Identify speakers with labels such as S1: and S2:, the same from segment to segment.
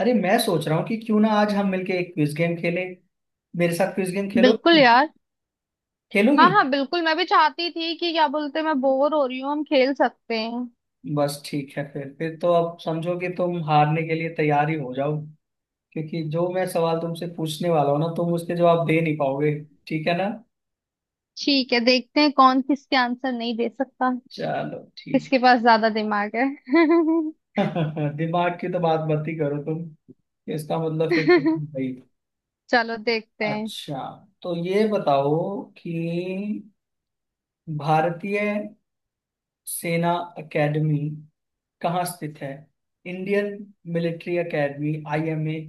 S1: अरे मैं सोच रहा हूँ कि क्यों ना आज हम मिलके एक क्विज गेम खेलें। मेरे साथ क्विज गेम खेलो।
S2: बिल्कुल यार।
S1: खेलोगी?
S2: हाँ हाँ बिल्कुल, मैं भी चाहती थी कि क्या बोलते हैं, मैं बोर हो रही हूँ, हम खेल सकते हैं।
S1: बस ठीक है, फिर तो अब समझो कि तुम हारने के लिए तैयार ही हो जाओ, क्योंकि जो मैं सवाल तुमसे पूछने वाला हूँ ना, तुम उसके जवाब दे नहीं पाओगे। ठीक है ना?
S2: ठीक है, देखते हैं कौन किसके आंसर नहीं दे सकता,
S1: चलो ठीक।
S2: किसके पास ज्यादा दिमाग है।
S1: दिमाग की तो बात मत ही करो तुम। इसका मतलब फिर तो तुम भाई।
S2: चलो देखते हैं।
S1: अच्छा, तो ये बताओ कि भारतीय सेना एकेडमी कहाँ स्थित है? इंडियन मिलिट्री एकेडमी आईएमए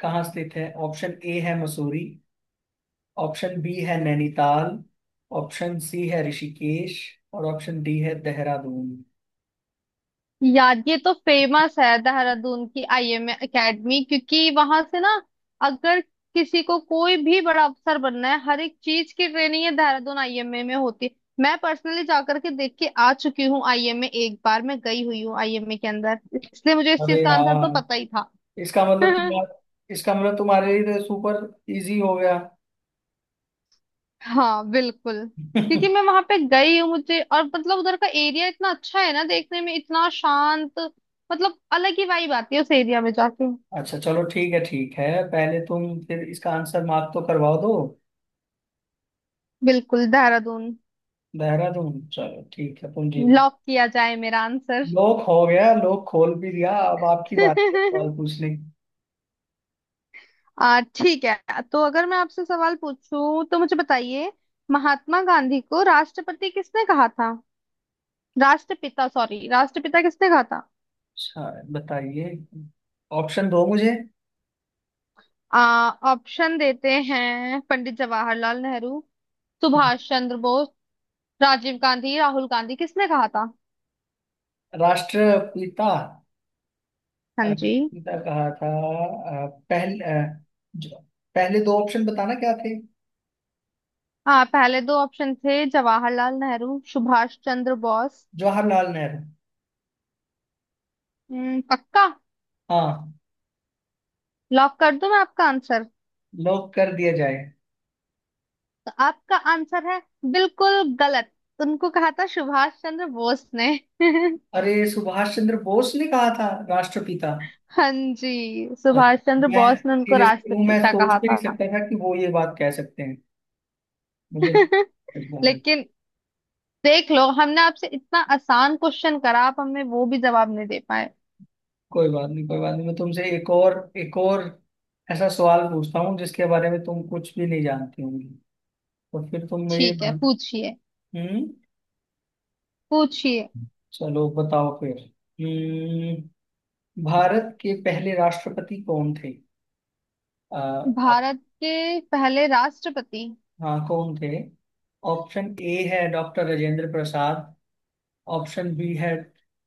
S1: कहाँ स्थित है? ऑप्शन ए है मसूरी, ऑप्शन बी है नैनीताल, ऑप्शन सी है ऋषिकेश और ऑप्शन डी है देहरादून।
S2: यार ये तो फेमस है, देहरादून की आईएम एकेडमी, क्योंकि वहां से ना अगर किसी को कोई भी बड़ा अफसर बनना है, हर एक चीज की ट्रेनिंग ये देहरादून आईएमए में होती है। मैं पर्सनली जाकर के देख के आ चुकी हूँ आईएमए, एक बार मैं गई हुई हूँ आईएमए के अंदर, इसलिए मुझे इस
S1: अरे
S2: चीज का आंसर तो पता
S1: यार,
S2: ही था।
S1: इसका मतलब तुम्हारा, इसका मतलब तुम्हारे लिए तो सुपर इजी हो गया।
S2: हाँ बिल्कुल। क्योंकि मैं वहां पे गई हूँ, मुझे और मतलब उधर का एरिया इतना अच्छा है ना देखने में, इतना शांत। मतलब अलग ही वाइब आती है उस एरिया में जाके।
S1: अच्छा चलो ठीक है, ठीक है, पहले तुम फिर इसका आंसर मार्क तो करवा दो।
S2: बिल्कुल, देहरादून।
S1: देहरादून। चलो ठीक है, तुम जीत गए।
S2: लॉक किया जाए मेरा आंसर।
S1: लोक हो गया, लोक खोल भी दिया, अब आपकी बात है सवाल पूछने।
S2: आ ठीक है, तो अगर मैं आपसे सवाल पूछूं तो मुझे बताइए, महात्मा गांधी को राष्ट्रपति किसने कहा था? राष्ट्रपिता, सॉरी, राष्ट्रपिता किसने कहा था?
S1: अच्छा बताइए, ऑप्शन दो मुझे।
S2: आ ऑप्शन देते हैं, पंडित जवाहरलाल नेहरू, सुभाष चंद्र बोस, राजीव गांधी, राहुल गांधी, किसने कहा था?
S1: राष्ट्रपिता?
S2: हाँ जी।
S1: राष्ट्रपिता कहा था। अ, पहल, अ, जो, पहले दो ऑप्शन बताना क्या थे?
S2: हाँ, पहले दो ऑप्शन थे जवाहरलाल नेहरू, सुभाष चंद्र बोस।
S1: जवाहरलाल नेहरू।
S2: पक्का?
S1: हाँ।
S2: लॉक कर दूं मैं आपका आंसर?
S1: लॉक कर दिया जाए।
S2: तो आपका आंसर है बिल्कुल गलत। उनको कहा था सुभाष चंद्र बोस ने।
S1: अरे सुभाष चंद्र बोस ने कहा था राष्ट्रपिता?
S2: हाँ जी,
S1: और
S2: सुभाष चंद्र
S1: मैं
S2: बोस ने उनको
S1: सीरियसली हूँ, मैं
S2: राष्ट्रपिता
S1: सोच
S2: कहा
S1: भी नहीं
S2: था।
S1: सकता था कि वो ये बात कह सकते हैं मुझे।
S2: लेकिन देख लो, हमने आपसे इतना आसान क्वेश्चन करा, आप हमें वो भी जवाब नहीं दे पाए।
S1: कोई बात नहीं, कोई बात नहीं, मैं तुमसे एक और ऐसा सवाल पूछता हूँ जिसके बारे में तुम कुछ भी नहीं जानती होंगी। तो फिर तुम ये
S2: ठीक है,
S1: बना।
S2: पूछिए।
S1: हम्म।
S2: पूछिए।
S1: चलो बताओ फिर। हम्म। भारत के पहले राष्ट्रपति कौन थे? आप।
S2: भारत के पहले राष्ट्रपति।
S1: हाँ, कौन थे? ऑप्शन ए है doctor Rajendra Prasad, option B है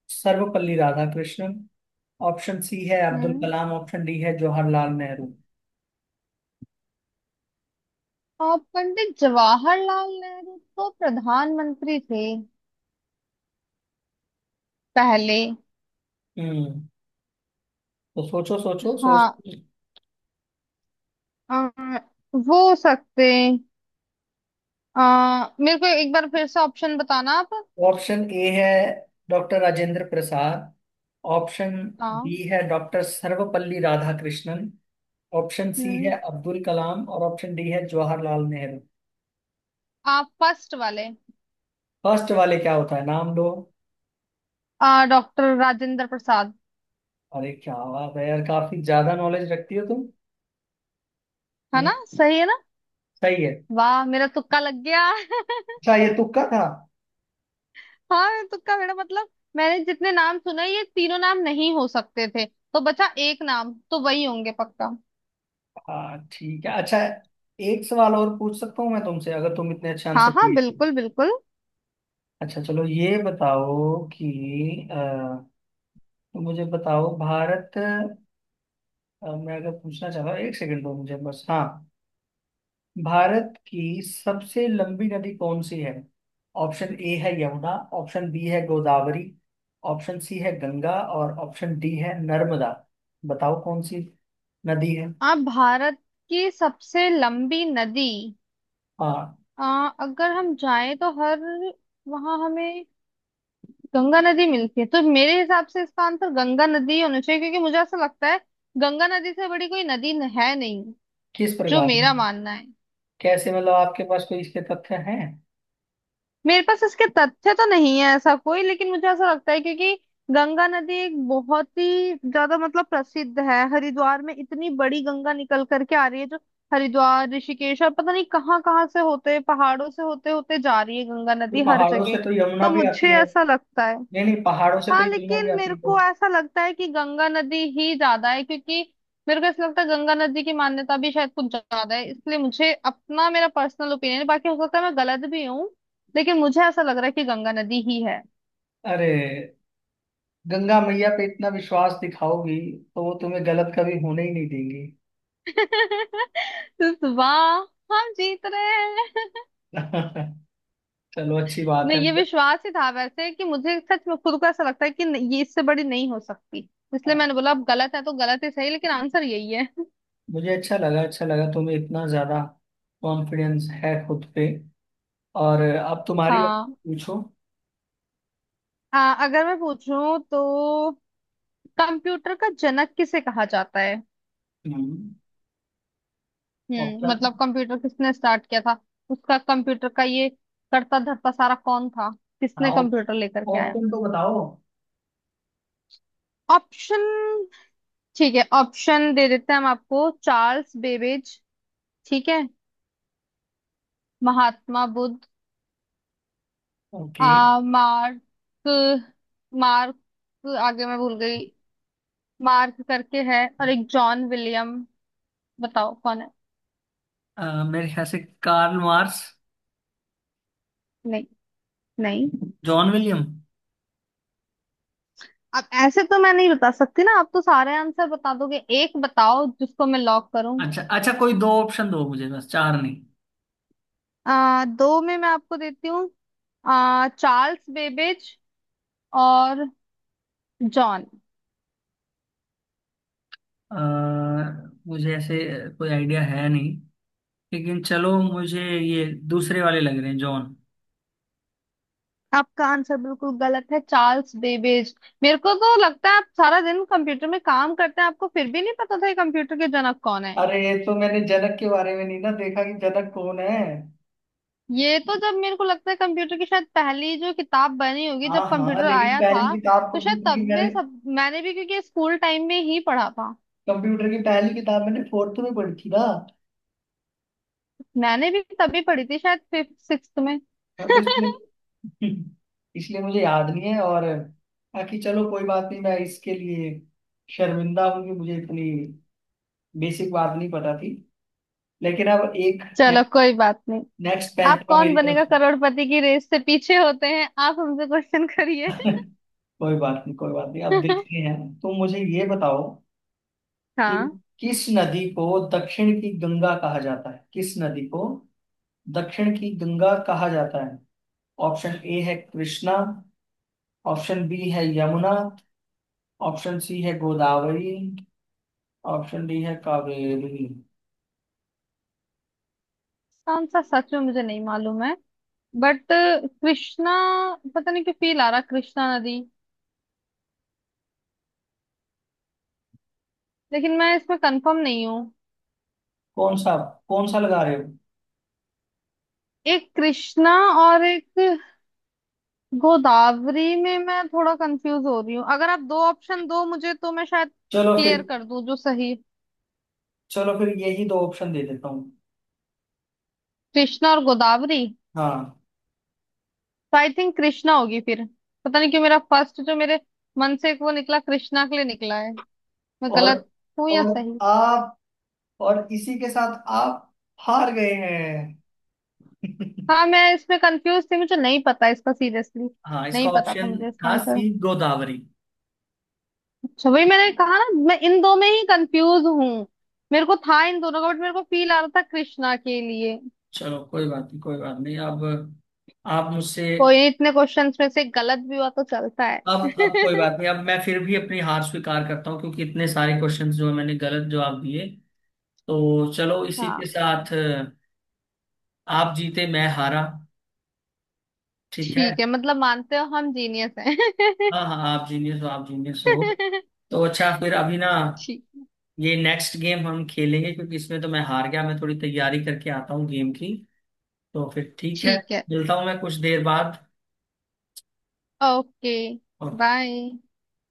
S1: सर्वपल्ली राधाकृष्णन, ऑप्शन सी है अब्दुल
S2: हम्म।
S1: कलाम, ऑप्शन डी है जवाहरलाल नेहरू।
S2: और पंडित जवाहरलाल नेहरू तो प्रधानमंत्री थे पहले।
S1: हम्म। तो सोचो, सोचो, सोच।
S2: हाँ। आ, वो सकते। मेरे को एक बार फिर से ऑप्शन बताना आप।
S1: ऑप्शन ए है डॉक्टर राजेंद्र प्रसाद, ऑप्शन
S2: हाँ।
S1: बी है doctor Sarvepalli Radhakrishnan, option C
S2: हम्म।
S1: है अब्दुल कलाम और ऑप्शन डी है जवाहरलाल नेहरू।
S2: आप फर्स्ट वाले।
S1: फर्स्ट वाले क्या होता है, नाम लो।
S2: डॉक्टर राजेंद्र प्रसाद।
S1: अरे क्या बात है यार, काफी ज्यादा नॉलेज रखती हो तुम।
S2: है
S1: हम्म,
S2: ना? सही है ना?
S1: सही है।
S2: वाह, मेरा तुक्का लग गया।
S1: अच्छा, ये तुक्का था?
S2: हाँ, मेरा तुक्का, मेरा मतलब मैंने जितने नाम सुने, ये तीनों नाम नहीं हो सकते थे, तो बचा एक नाम, तो वही होंगे पक्का।
S1: हाँ ठीक है। अच्छा, एक सवाल और पूछ सकता हूँ मैं तुमसे, अगर तुम इतने अच्छे
S2: हाँ
S1: आंसर
S2: हाँ
S1: दिए थे।
S2: बिल्कुल बिल्कुल।
S1: अच्छा चलो ये बताओ कि तो मुझे बताओ भारत, मैं अगर पूछना चाहता हूँ, एक सेकंड दो मुझे बस। हाँ, भारत की सबसे लंबी नदी कौन सी है? ऑप्शन ए है यमुना, ऑप्शन बी है गोदावरी, ऑप्शन सी है गंगा और ऑप्शन डी है नर्मदा। बताओ कौन सी नदी है।
S2: आप, भारत की सबसे लंबी नदी।
S1: हाँ।
S2: अगर हम जाएं तो हर वहाँ हमें गंगा नदी मिलती है, तो मेरे हिसाब से इसका आंसर गंगा नदी ही होना चाहिए, क्योंकि मुझे ऐसा लगता है गंगा नदी से बड़ी कोई नदी है नहीं।
S1: किस
S2: जो
S1: प्रकार
S2: मेरा
S1: की?
S2: मानना है।
S1: कैसे मतलब, आपके पास कोई इसके तथ्य हैं?
S2: मेरे पास इसके तथ्य तो नहीं है ऐसा कोई, लेकिन मुझे ऐसा लगता है, क्योंकि गंगा नदी एक बहुत ही ज्यादा मतलब प्रसिद्ध है, हरिद्वार में इतनी बड़ी गंगा निकल करके आ रही है जो हरिद्वार, ऋषिकेश और पता नहीं कहाँ कहाँ से होते, पहाड़ों से होते होते जा रही है गंगा
S1: तो
S2: नदी हर
S1: पहाड़ों
S2: जगह।
S1: से तो यमुना
S2: तो
S1: भी आती
S2: मुझे
S1: है।
S2: ऐसा लगता है।
S1: नहीं नहीं, पहाड़ों से तो
S2: हाँ
S1: यमुना भी
S2: लेकिन
S1: आती
S2: मेरे
S1: है
S2: को
S1: तो।
S2: ऐसा लगता है कि गंगा नदी ही ज्यादा है, क्योंकि मेरे को ऐसा लगता है गंगा नदी की मान्यता भी शायद कुछ ज्यादा है, इसलिए मुझे अपना, मेरा पर्सनल ओपिनियन है, बाकी हो सकता है मैं गलत भी हूँ, लेकिन मुझे ऐसा लग रहा है कि गंगा नदी ही है।
S1: अरे, गंगा मैया पे इतना विश्वास दिखाओगी तो वो तुम्हें गलत कभी होने ही नहीं देंगी।
S2: तो वाह, हम जीत रहे हैं।
S1: चलो, अच्छी बात
S2: नहीं,
S1: है।
S2: ये विश्वास ही था वैसे कि मुझे सच में खुद को ऐसा लगता है कि नहीं, ये इससे बड़ी नहीं हो सकती, इसलिए मैंने बोला अब गलत है तो गलत ही सही, लेकिन आंसर यही है।
S1: मुझे अच्छा लगा, अच्छा लगा, तुम्हें इतना ज्यादा कॉन्फिडेंस है खुद पे। और अब तुम्हारी बात,
S2: हाँ।
S1: पूछो।
S2: अगर मैं पूछूं तो कंप्यूटर का जनक किसे कहा जाता है?
S1: हम्म।
S2: हम्म,
S1: ऑप्शन।
S2: मतलब कंप्यूटर किसने स्टार्ट किया था, उसका कंप्यूटर का ये करता धरता सारा कौन था,
S1: हाँ,
S2: किसने कंप्यूटर लेकर के आया?
S1: ऑप्शन तो बताओ।
S2: ऑप्शन। ठीक है, ऑप्शन दे देते हैं हम आपको। चार्ल्स बेबेज, ठीक है। महात्मा बुद्ध।
S1: ओके।
S2: आ मार्क, मार्क, आगे मैं भूल गई। मार्क करके है, और एक जॉन विलियम। बताओ कौन है?
S1: मेरे ख्याल से कार्ल मार्क्स।
S2: नहीं, नहीं।
S1: John William.
S2: अब ऐसे तो मैं नहीं बता सकती ना, आप तो सारे आंसर बता दोगे, एक बताओ जिसको मैं लॉक करूं।
S1: अच्छा अच्छा, कोई दो ऑप्शन दो मुझे, बस चार नहीं।
S2: दो में मैं आपको देती हूँ। चार्ल्स बेबेज और जॉन।
S1: अ, मुझे ऐसे कोई आइडिया है नहीं, लेकिन चलो मुझे ये दूसरे वाले लग रहे हैं, जॉन।
S2: आपका आंसर बिल्कुल गलत है, चार्ल्स बेबेज। मेरे को तो लगता है आप सारा दिन कंप्यूटर में काम करते हैं, आपको फिर भी नहीं पता था ये कंप्यूटर के जनक कौन है।
S1: अरे ये तो मैंने जनक के बारे में नहीं ना देखा कि जनक कौन है।
S2: ये तो, जब मेरे को लगता है कंप्यूटर की शायद पहली जो किताब बनी होगी
S1: हाँ
S2: जब
S1: हाँ,
S2: कंप्यूटर
S1: लेकिन
S2: आया
S1: पहली
S2: था,
S1: किताब
S2: तो शायद
S1: कंप्यूटर की
S2: तब
S1: मैंने,
S2: में सब मैंने भी, क्योंकि स्कूल टाइम में ही पढ़ा था।
S1: कंप्यूटर की पहली किताब मैंने फोर्थ में पढ़ी थी ना।
S2: मैंने भी तभी पढ़ी थी, शायद फिफ्थ सिक्स्थ में।
S1: हाँ, तो इसलिए। इसलिए मुझे याद नहीं है। और बाकी चलो कोई बात नहीं, मैं इसके लिए शर्मिंदा हूँ कि मुझे इतनी बेसिक बात नहीं पता थी। लेकिन अब
S2: चलो कोई बात नहीं।
S1: नेक्स्ट
S2: आप
S1: पैंतरा
S2: कौन
S1: मेरी तरफ
S2: बनेगा करोड़पति की रेस से पीछे होते हैं, आप हमसे क्वेश्चन करिए।
S1: से। कोई बात नहीं, कोई बात नहीं, अब देखते हैं। तुम मुझे ये बताओ कि
S2: हाँ।
S1: किस नदी को दक्षिण की गंगा कहा जाता है? किस नदी को दक्षिण की गंगा कहा जाता है? ऑप्शन ए है कृष्णा, ऑप्शन बी है यमुना, ऑप्शन सी है गोदावरी, ऑप्शन डी है कावेरी।
S2: कौन सा, सच में मुझे नहीं मालूम है, बट कृष्णा। पता नहीं क्यों फील आ रहा कृष्णा नदी, लेकिन मैं इसमें कंफर्म नहीं हूँ।
S1: कौन सा? कौन सा लगा रहे हो?
S2: एक कृष्णा और एक गोदावरी में मैं थोड़ा कंफ्यूज हो रही हूँ। अगर आप दो ऑप्शन दो मुझे तो मैं शायद
S1: चलो फिर,
S2: क्लियर कर दूं जो सही।
S1: चलो फिर यही दो ऑप्शन दे देता हूँ।
S2: कृष्णा और गोदावरी।
S1: हाँ।
S2: तो आई थिंक कृष्णा होगी फिर। पता नहीं क्यों मेरा फर्स्ट जो मेरे मन से एक वो निकला, कृष्णा के लिए निकला है। मैं
S1: और
S2: गलत हूँ या
S1: और
S2: सही?
S1: आप, और इसी के साथ आप हार गए हैं।
S2: हाँ मैं इसमें कंफ्यूज थी, मुझे नहीं पता इसका सीरियसली,
S1: हाँ, इसका
S2: नहीं पता था
S1: ऑप्शन
S2: मुझे इसका
S1: था
S2: आंसर।
S1: सी, गोदावरी।
S2: अच्छा, वही मैंने कहा ना, मैं इन दो में ही कंफ्यूज हूँ। मेरे को था इन दोनों का, बट मेरे को फील आ रहा था कृष्णा के लिए।
S1: चलो कोई बात नहीं, कोई बात नहीं, अब आप मुझसे।
S2: कोई नहीं, इतने क्वेश्चंस में से गलत भी हुआ तो चलता है।
S1: अब कोई बात नहीं, अब मैं फिर भी अपनी हार स्वीकार करता हूँ क्योंकि इतने सारे क्वेश्चंस जो है, मैंने गलत जवाब दिए। तो चलो इसी के
S2: हाँ
S1: साथ आप जीते, मैं हारा। ठीक है।
S2: ठीक है, मतलब मानते हो हम जीनियस हैं।
S1: हाँ हाँ, आप जीनियस हो, आप जीनियस हो। तो अच्छा, फिर अभी ना
S2: ठीक।
S1: ये नेक्स्ट गेम हम खेलेंगे, क्योंकि इसमें तो मैं हार गया। मैं थोड़ी तैयारी करके आता हूँ गेम की, तो फिर ठीक है।
S2: ठीक है।
S1: मिलता हूँ मैं कुछ देर बाद।
S2: ओके। बाय।